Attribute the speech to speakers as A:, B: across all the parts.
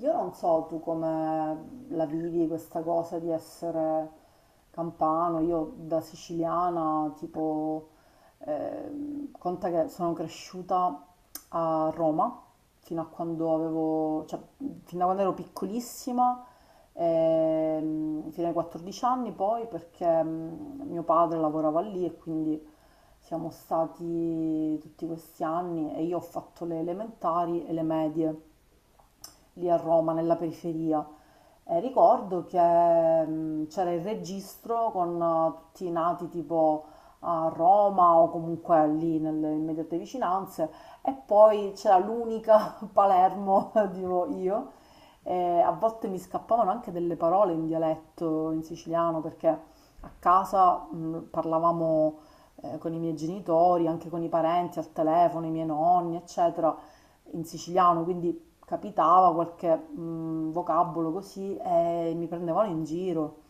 A: Io non so tu come la vivi questa cosa di essere campano. Io da siciliana, tipo, conta che sono cresciuta a Roma fino a quando avevo, cioè, fin da quando ero piccolissima, fino ai 14 anni poi, perché mio padre lavorava lì e quindi siamo stati tutti questi anni e io ho fatto le elementari e le medie lì a Roma, nella periferia. E ricordo che c'era il registro con tutti i nati tipo a Roma o comunque lì nelle immediate vicinanze, e poi c'era l'unica Palermo, dico io. E a volte mi scappavano anche delle parole in dialetto, in siciliano, perché a casa parlavamo con i miei genitori, anche con i parenti al telefono, i miei nonni, eccetera, in siciliano, quindi capitava qualche vocabolo così e mi prendevano in giro,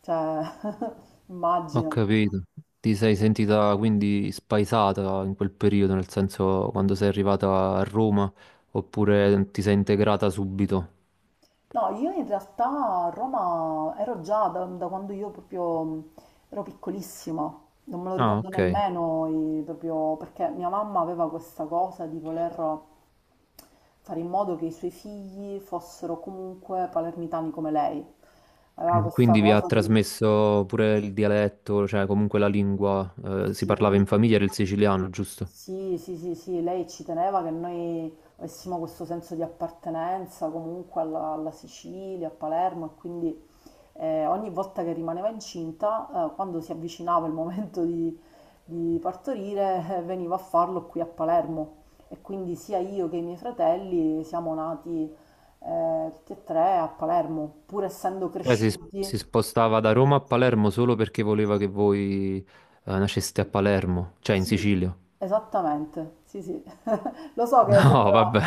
A: cioè,
B: Ho
A: immagino.
B: capito. Ti sei sentita quindi spaesata in quel periodo, nel senso quando sei arrivata a Roma, oppure ti sei integrata subito?
A: No, io in realtà a Roma ero già da quando io proprio ero piccolissima, non me lo
B: Ah,
A: ricordo
B: ok.
A: nemmeno proprio perché mia mamma aveva questa cosa di voler fare in modo che i suoi figli fossero comunque palermitani come lei. Aveva questa
B: Quindi vi ha
A: cosa del...
B: trasmesso pure il dialetto, cioè comunque la lingua, si parlava in famiglia, era il siciliano, giusto?
A: Sì, sì, sì, sì, lei ci teneva che noi avessimo questo senso di appartenenza comunque alla Sicilia, a Palermo e quindi ogni volta che rimaneva incinta, quando si avvicinava il momento di partorire, veniva a farlo qui a Palermo, e quindi sia io che i miei fratelli siamo nati tutti e tre a Palermo, pur essendo
B: Cioè si
A: cresciuti.
B: spostava da Roma a Palermo solo perché voleva che voi, nasceste a Palermo, cioè in
A: Sì,
B: Sicilia.
A: esattamente, sì, sì. Lo so che
B: No,
A: sembra
B: vabbè.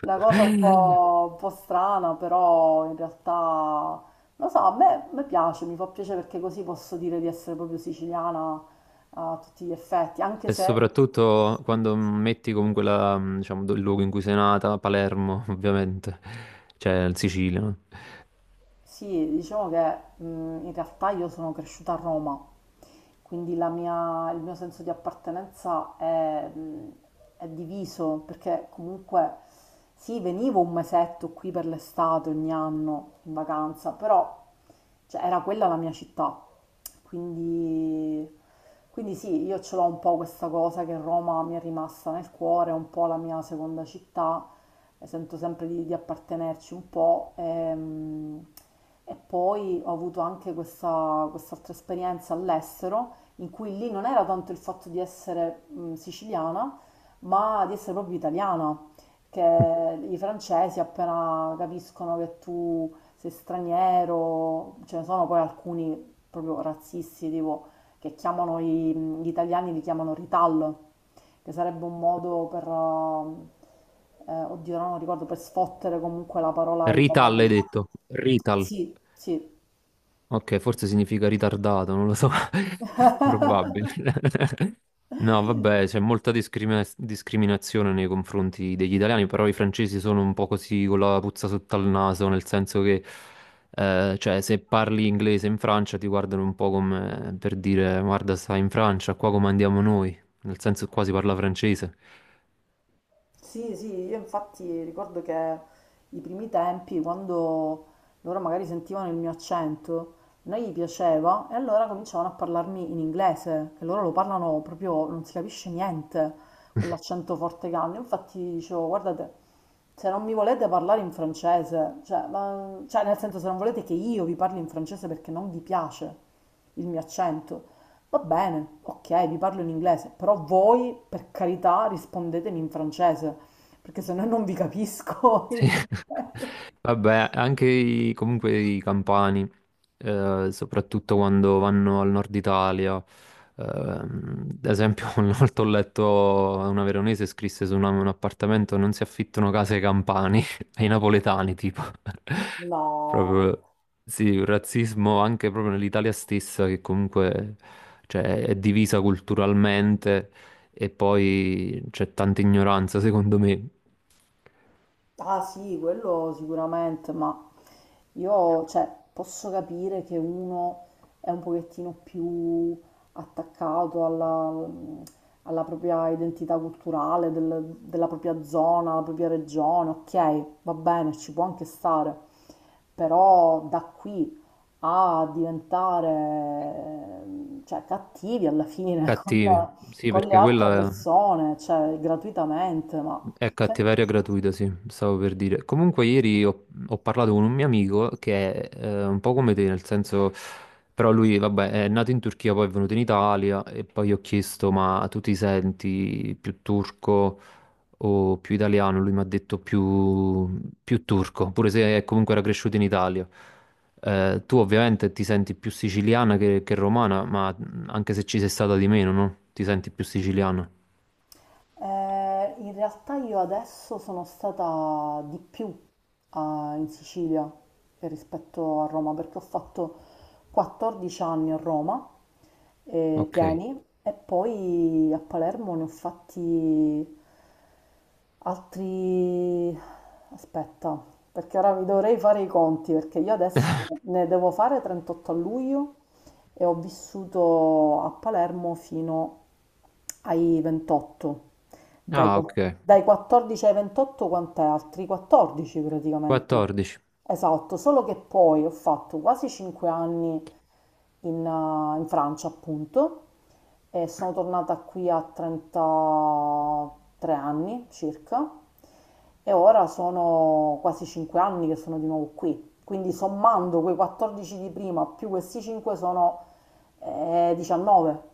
A: una cosa un po' strana, però in realtà, lo so, a me piace, mi fa piacere perché così posso dire di essere proprio siciliana a tutti gli effetti, anche
B: E
A: se,
B: soprattutto quando metti comunque la, diciamo, il luogo in cui sei nata, Palermo, ovviamente, cioè in Sicilia, no?
A: sì, diciamo che in realtà io sono cresciuta a Roma, quindi il mio senso di appartenenza è diviso, perché comunque sì, venivo un mesetto qui per l'estate ogni anno in vacanza, però cioè, era quella la mia città, quindi, quindi sì, io ce l'ho un po' questa cosa che Roma mi è rimasta nel cuore, è un po' la mia seconda città. Sento sempre di appartenerci un po'. E poi ho avuto anche questa, quest'altra esperienza all'estero, in cui lì non era tanto il fatto di essere siciliana, ma di essere proprio italiana, che i francesi appena capiscono che tu sei straniero, ce ne sono poi alcuni proprio razzisti, tipo, che chiamano gli italiani, li chiamano ritallo, che sarebbe un modo per, oddio, no, non ricordo, per sfottere comunque la parola
B: Rital
A: italiana.
B: hai detto? Rital.
A: Sì, sì.
B: Ok, forse significa ritardato, non lo so. Probabile. No, vabbè, c'è molta discriminazione nei confronti degli italiani, però i francesi sono un po' così con la puzza sotto al naso, nel senso che, cioè, se parli inglese in Francia ti guardano un po' come per dire, guarda, stai in Francia, qua come andiamo noi, nel senso che qua si parla francese.
A: Sì, sì, io infatti ricordo che i primi tempi, quando loro magari sentivano il mio accento, a noi gli piaceva e allora cominciavano a parlarmi in inglese, che loro lo parlano proprio, non si capisce niente con l'accento forte che hanno. Infatti dicevo, guardate, se non mi volete parlare in francese, cioè, cioè nel senso, se non volete che io vi parli in francese perché non vi piace il mio accento, va bene, ok, vi parlo in inglese, però voi, per carità, rispondetemi in francese, perché se no non vi capisco.
B: Sì.
A: In inglese.
B: Vabbè, anche comunque i campani, soprattutto quando vanno al nord Italia. Ehm, ad esempio, una volta ho letto una veronese scrisse su un appartamento: non si affittano case ai campani, ai napoletani, tipo.
A: No,
B: Proprio sì, un razzismo anche proprio nell'Italia stessa, che comunque cioè, è divisa culturalmente e poi c'è tanta ignoranza, secondo me.
A: ah sì, quello sicuramente, ma io, cioè, posso capire che uno è un pochettino più attaccato alla propria identità culturale, della propria zona, la propria regione, ok, va bene, ci può anche stare, però da qui a diventare, cioè, cattivi alla fine
B: Cattivi, sì,
A: con le
B: perché
A: altre
B: quella
A: persone, cioè, gratuitamente, ma...
B: è
A: se-
B: cattiveria gratuita, sì, stavo per dire. Comunque ieri ho parlato con un mio amico che è un po' come te, nel senso, però lui, vabbè, è nato in Turchia, poi è venuto in Italia e poi gli ho chiesto, ma tu ti senti più turco o più italiano? Lui mi ha detto più turco, pure se comunque era cresciuto in Italia. Tu ovviamente ti senti più siciliana che romana, ma anche se ci sei stata di meno, no? Ti senti più siciliana.
A: In realtà io adesso sono stata di più in Sicilia che rispetto a Roma perché ho fatto 14 anni a Roma,
B: Ok.
A: pieni, e poi a Palermo ne ho fatti altri... Aspetta, perché ora vi dovrei fare i conti, perché io adesso ne devo fare 38 a luglio e ho vissuto a Palermo fino ai 28. Dai,
B: Ah, ok.
A: dai 14 ai 28 quant'è? Altri 14 praticamente.
B: 14,
A: Esatto, solo che poi ho fatto quasi 5 anni in, in Francia, appunto, e sono tornata qui a 33 anni circa e ora sono quasi 5 anni che sono di nuovo qui. Quindi sommando quei 14 di prima più questi 5 sono 19.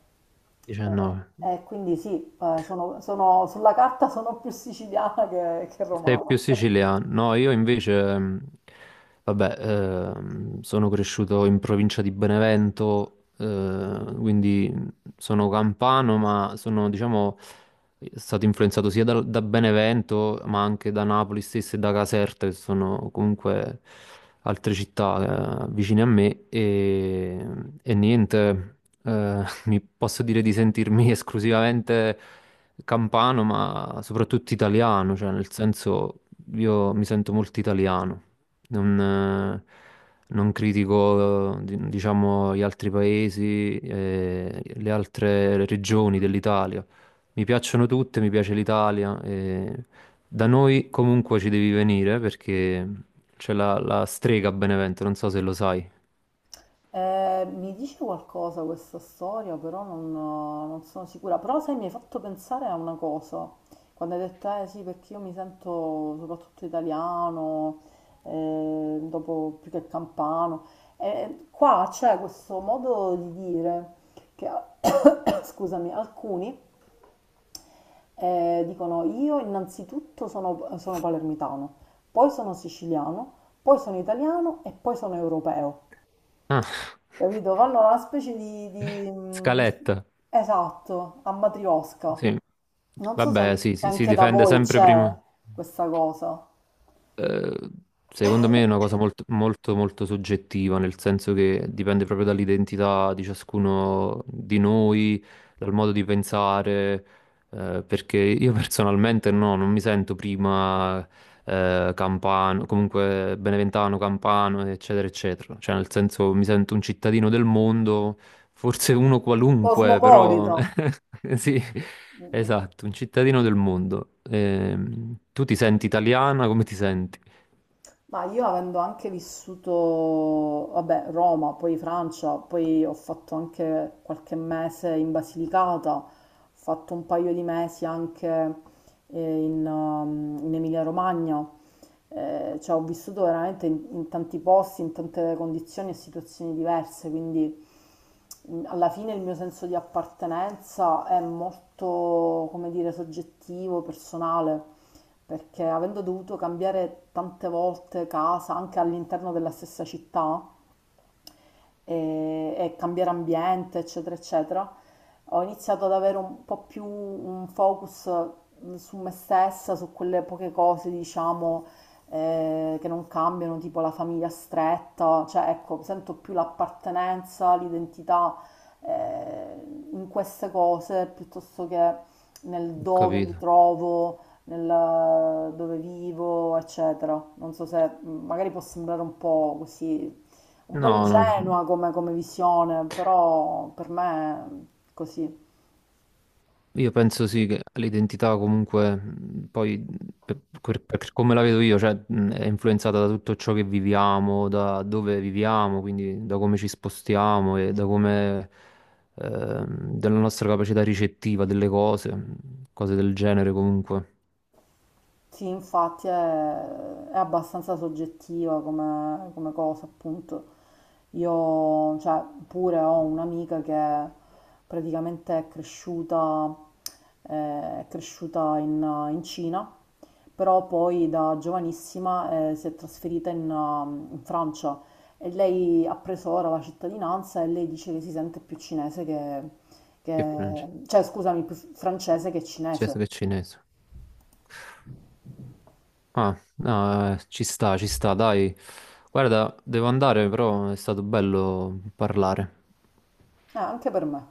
B: 19.
A: E quindi sì, sulla carta sono più siciliana che
B: Sei
A: romana.
B: più siciliano. No, io invece, vabbè, sono cresciuto in provincia di Benevento, quindi sono campano, ma sono, diciamo, è stato influenzato sia da, Benevento, ma anche da Napoli stessa e da Caserta, che sono comunque altre città vicine a me. E niente, mi posso dire di sentirmi esclusivamente campano, ma soprattutto italiano, cioè nel senso io mi sento molto italiano. Non, eh, Non critico, diciamo, gli altri paesi, le altre regioni dell'Italia. Mi piacciono tutte, mi piace l'Italia. E da noi comunque ci devi venire perché c'è la strega a Benevento, non so se lo sai.
A: Mi dice qualcosa questa storia, però non, non sono sicura. Però sai, mi hai fatto pensare a una cosa. Quando hai detto, eh sì, perché io mi sento soprattutto italiano, dopo più che campano. Qua c'è questo modo di dire che, scusami, alcuni dicono io innanzitutto sono, sono palermitano, poi sono siciliano, poi sono italiano e poi sono europeo,
B: Ah,
A: capito? Fanno una specie
B: scaletta.
A: esatto, a matriosca.
B: Sì.
A: Non so se,
B: Vabbè, sì,
A: se
B: sì, si
A: anche da
B: difende
A: voi
B: sempre
A: c'è
B: prima.
A: questa cosa.
B: Eh, secondo me è una cosa molto, molto, molto soggettiva, nel senso che dipende proprio dall'identità di ciascuno di noi, dal modo di pensare, perché io personalmente no, non mi sento prima campano, comunque beneventano, campano, eccetera, eccetera. Cioè, nel senso, mi sento un cittadino del mondo, forse uno qualunque, però
A: Cosmopolita.
B: sì,
A: Mm, mm.
B: esatto, un cittadino del mondo. Tu ti senti italiana? Come ti senti?
A: Ma io avendo anche vissuto, vabbè, Roma, poi Francia, poi ho fatto anche qualche mese in Basilicata, ho fatto un paio di mesi anche in, in Emilia-Romagna. Eh, cioè ho vissuto veramente in, in tanti posti, in tante condizioni e situazioni diverse, quindi alla fine il mio senso di appartenenza è molto, come dire, soggettivo, personale, perché avendo dovuto cambiare tante volte casa, anche all'interno della stessa città, e cambiare ambiente, eccetera, eccetera, ho iniziato ad avere un po' più un focus su me stessa, su quelle poche cose, diciamo, che non cambiano, tipo la famiglia stretta, cioè ecco, sento più l'appartenenza, l'identità eh, in queste cose piuttosto che nel
B: Ho
A: dove mi
B: capito.
A: trovo, nel dove vivo, eccetera. Non so se magari può sembrare un po' così un po'
B: No, no.
A: ingenua come, come visione, però per me è così.
B: Io penso sì che l'identità comunque poi per come la vedo io, cioè, è influenzata da tutto ciò che viviamo, da dove viviamo, quindi da come ci spostiamo e da come della nostra capacità ricettiva delle cose, cose del genere comunque.
A: Sì, infatti è abbastanza soggettiva come, come cosa, appunto. Io, cioè, pure ho un'amica che praticamente eh, è cresciuta in, in Cina, però poi da giovanissima, si è trasferita in, in Francia, e lei ha preso ora la cittadinanza e lei dice che si sente più cinese che,
B: Che francese?
A: cioè, scusami, più francese che
B: Cinese.
A: cinese.
B: Che cinese? Ah, no, ci sta, dai. Guarda, devo andare, però è stato bello parlare.
A: Anche per me.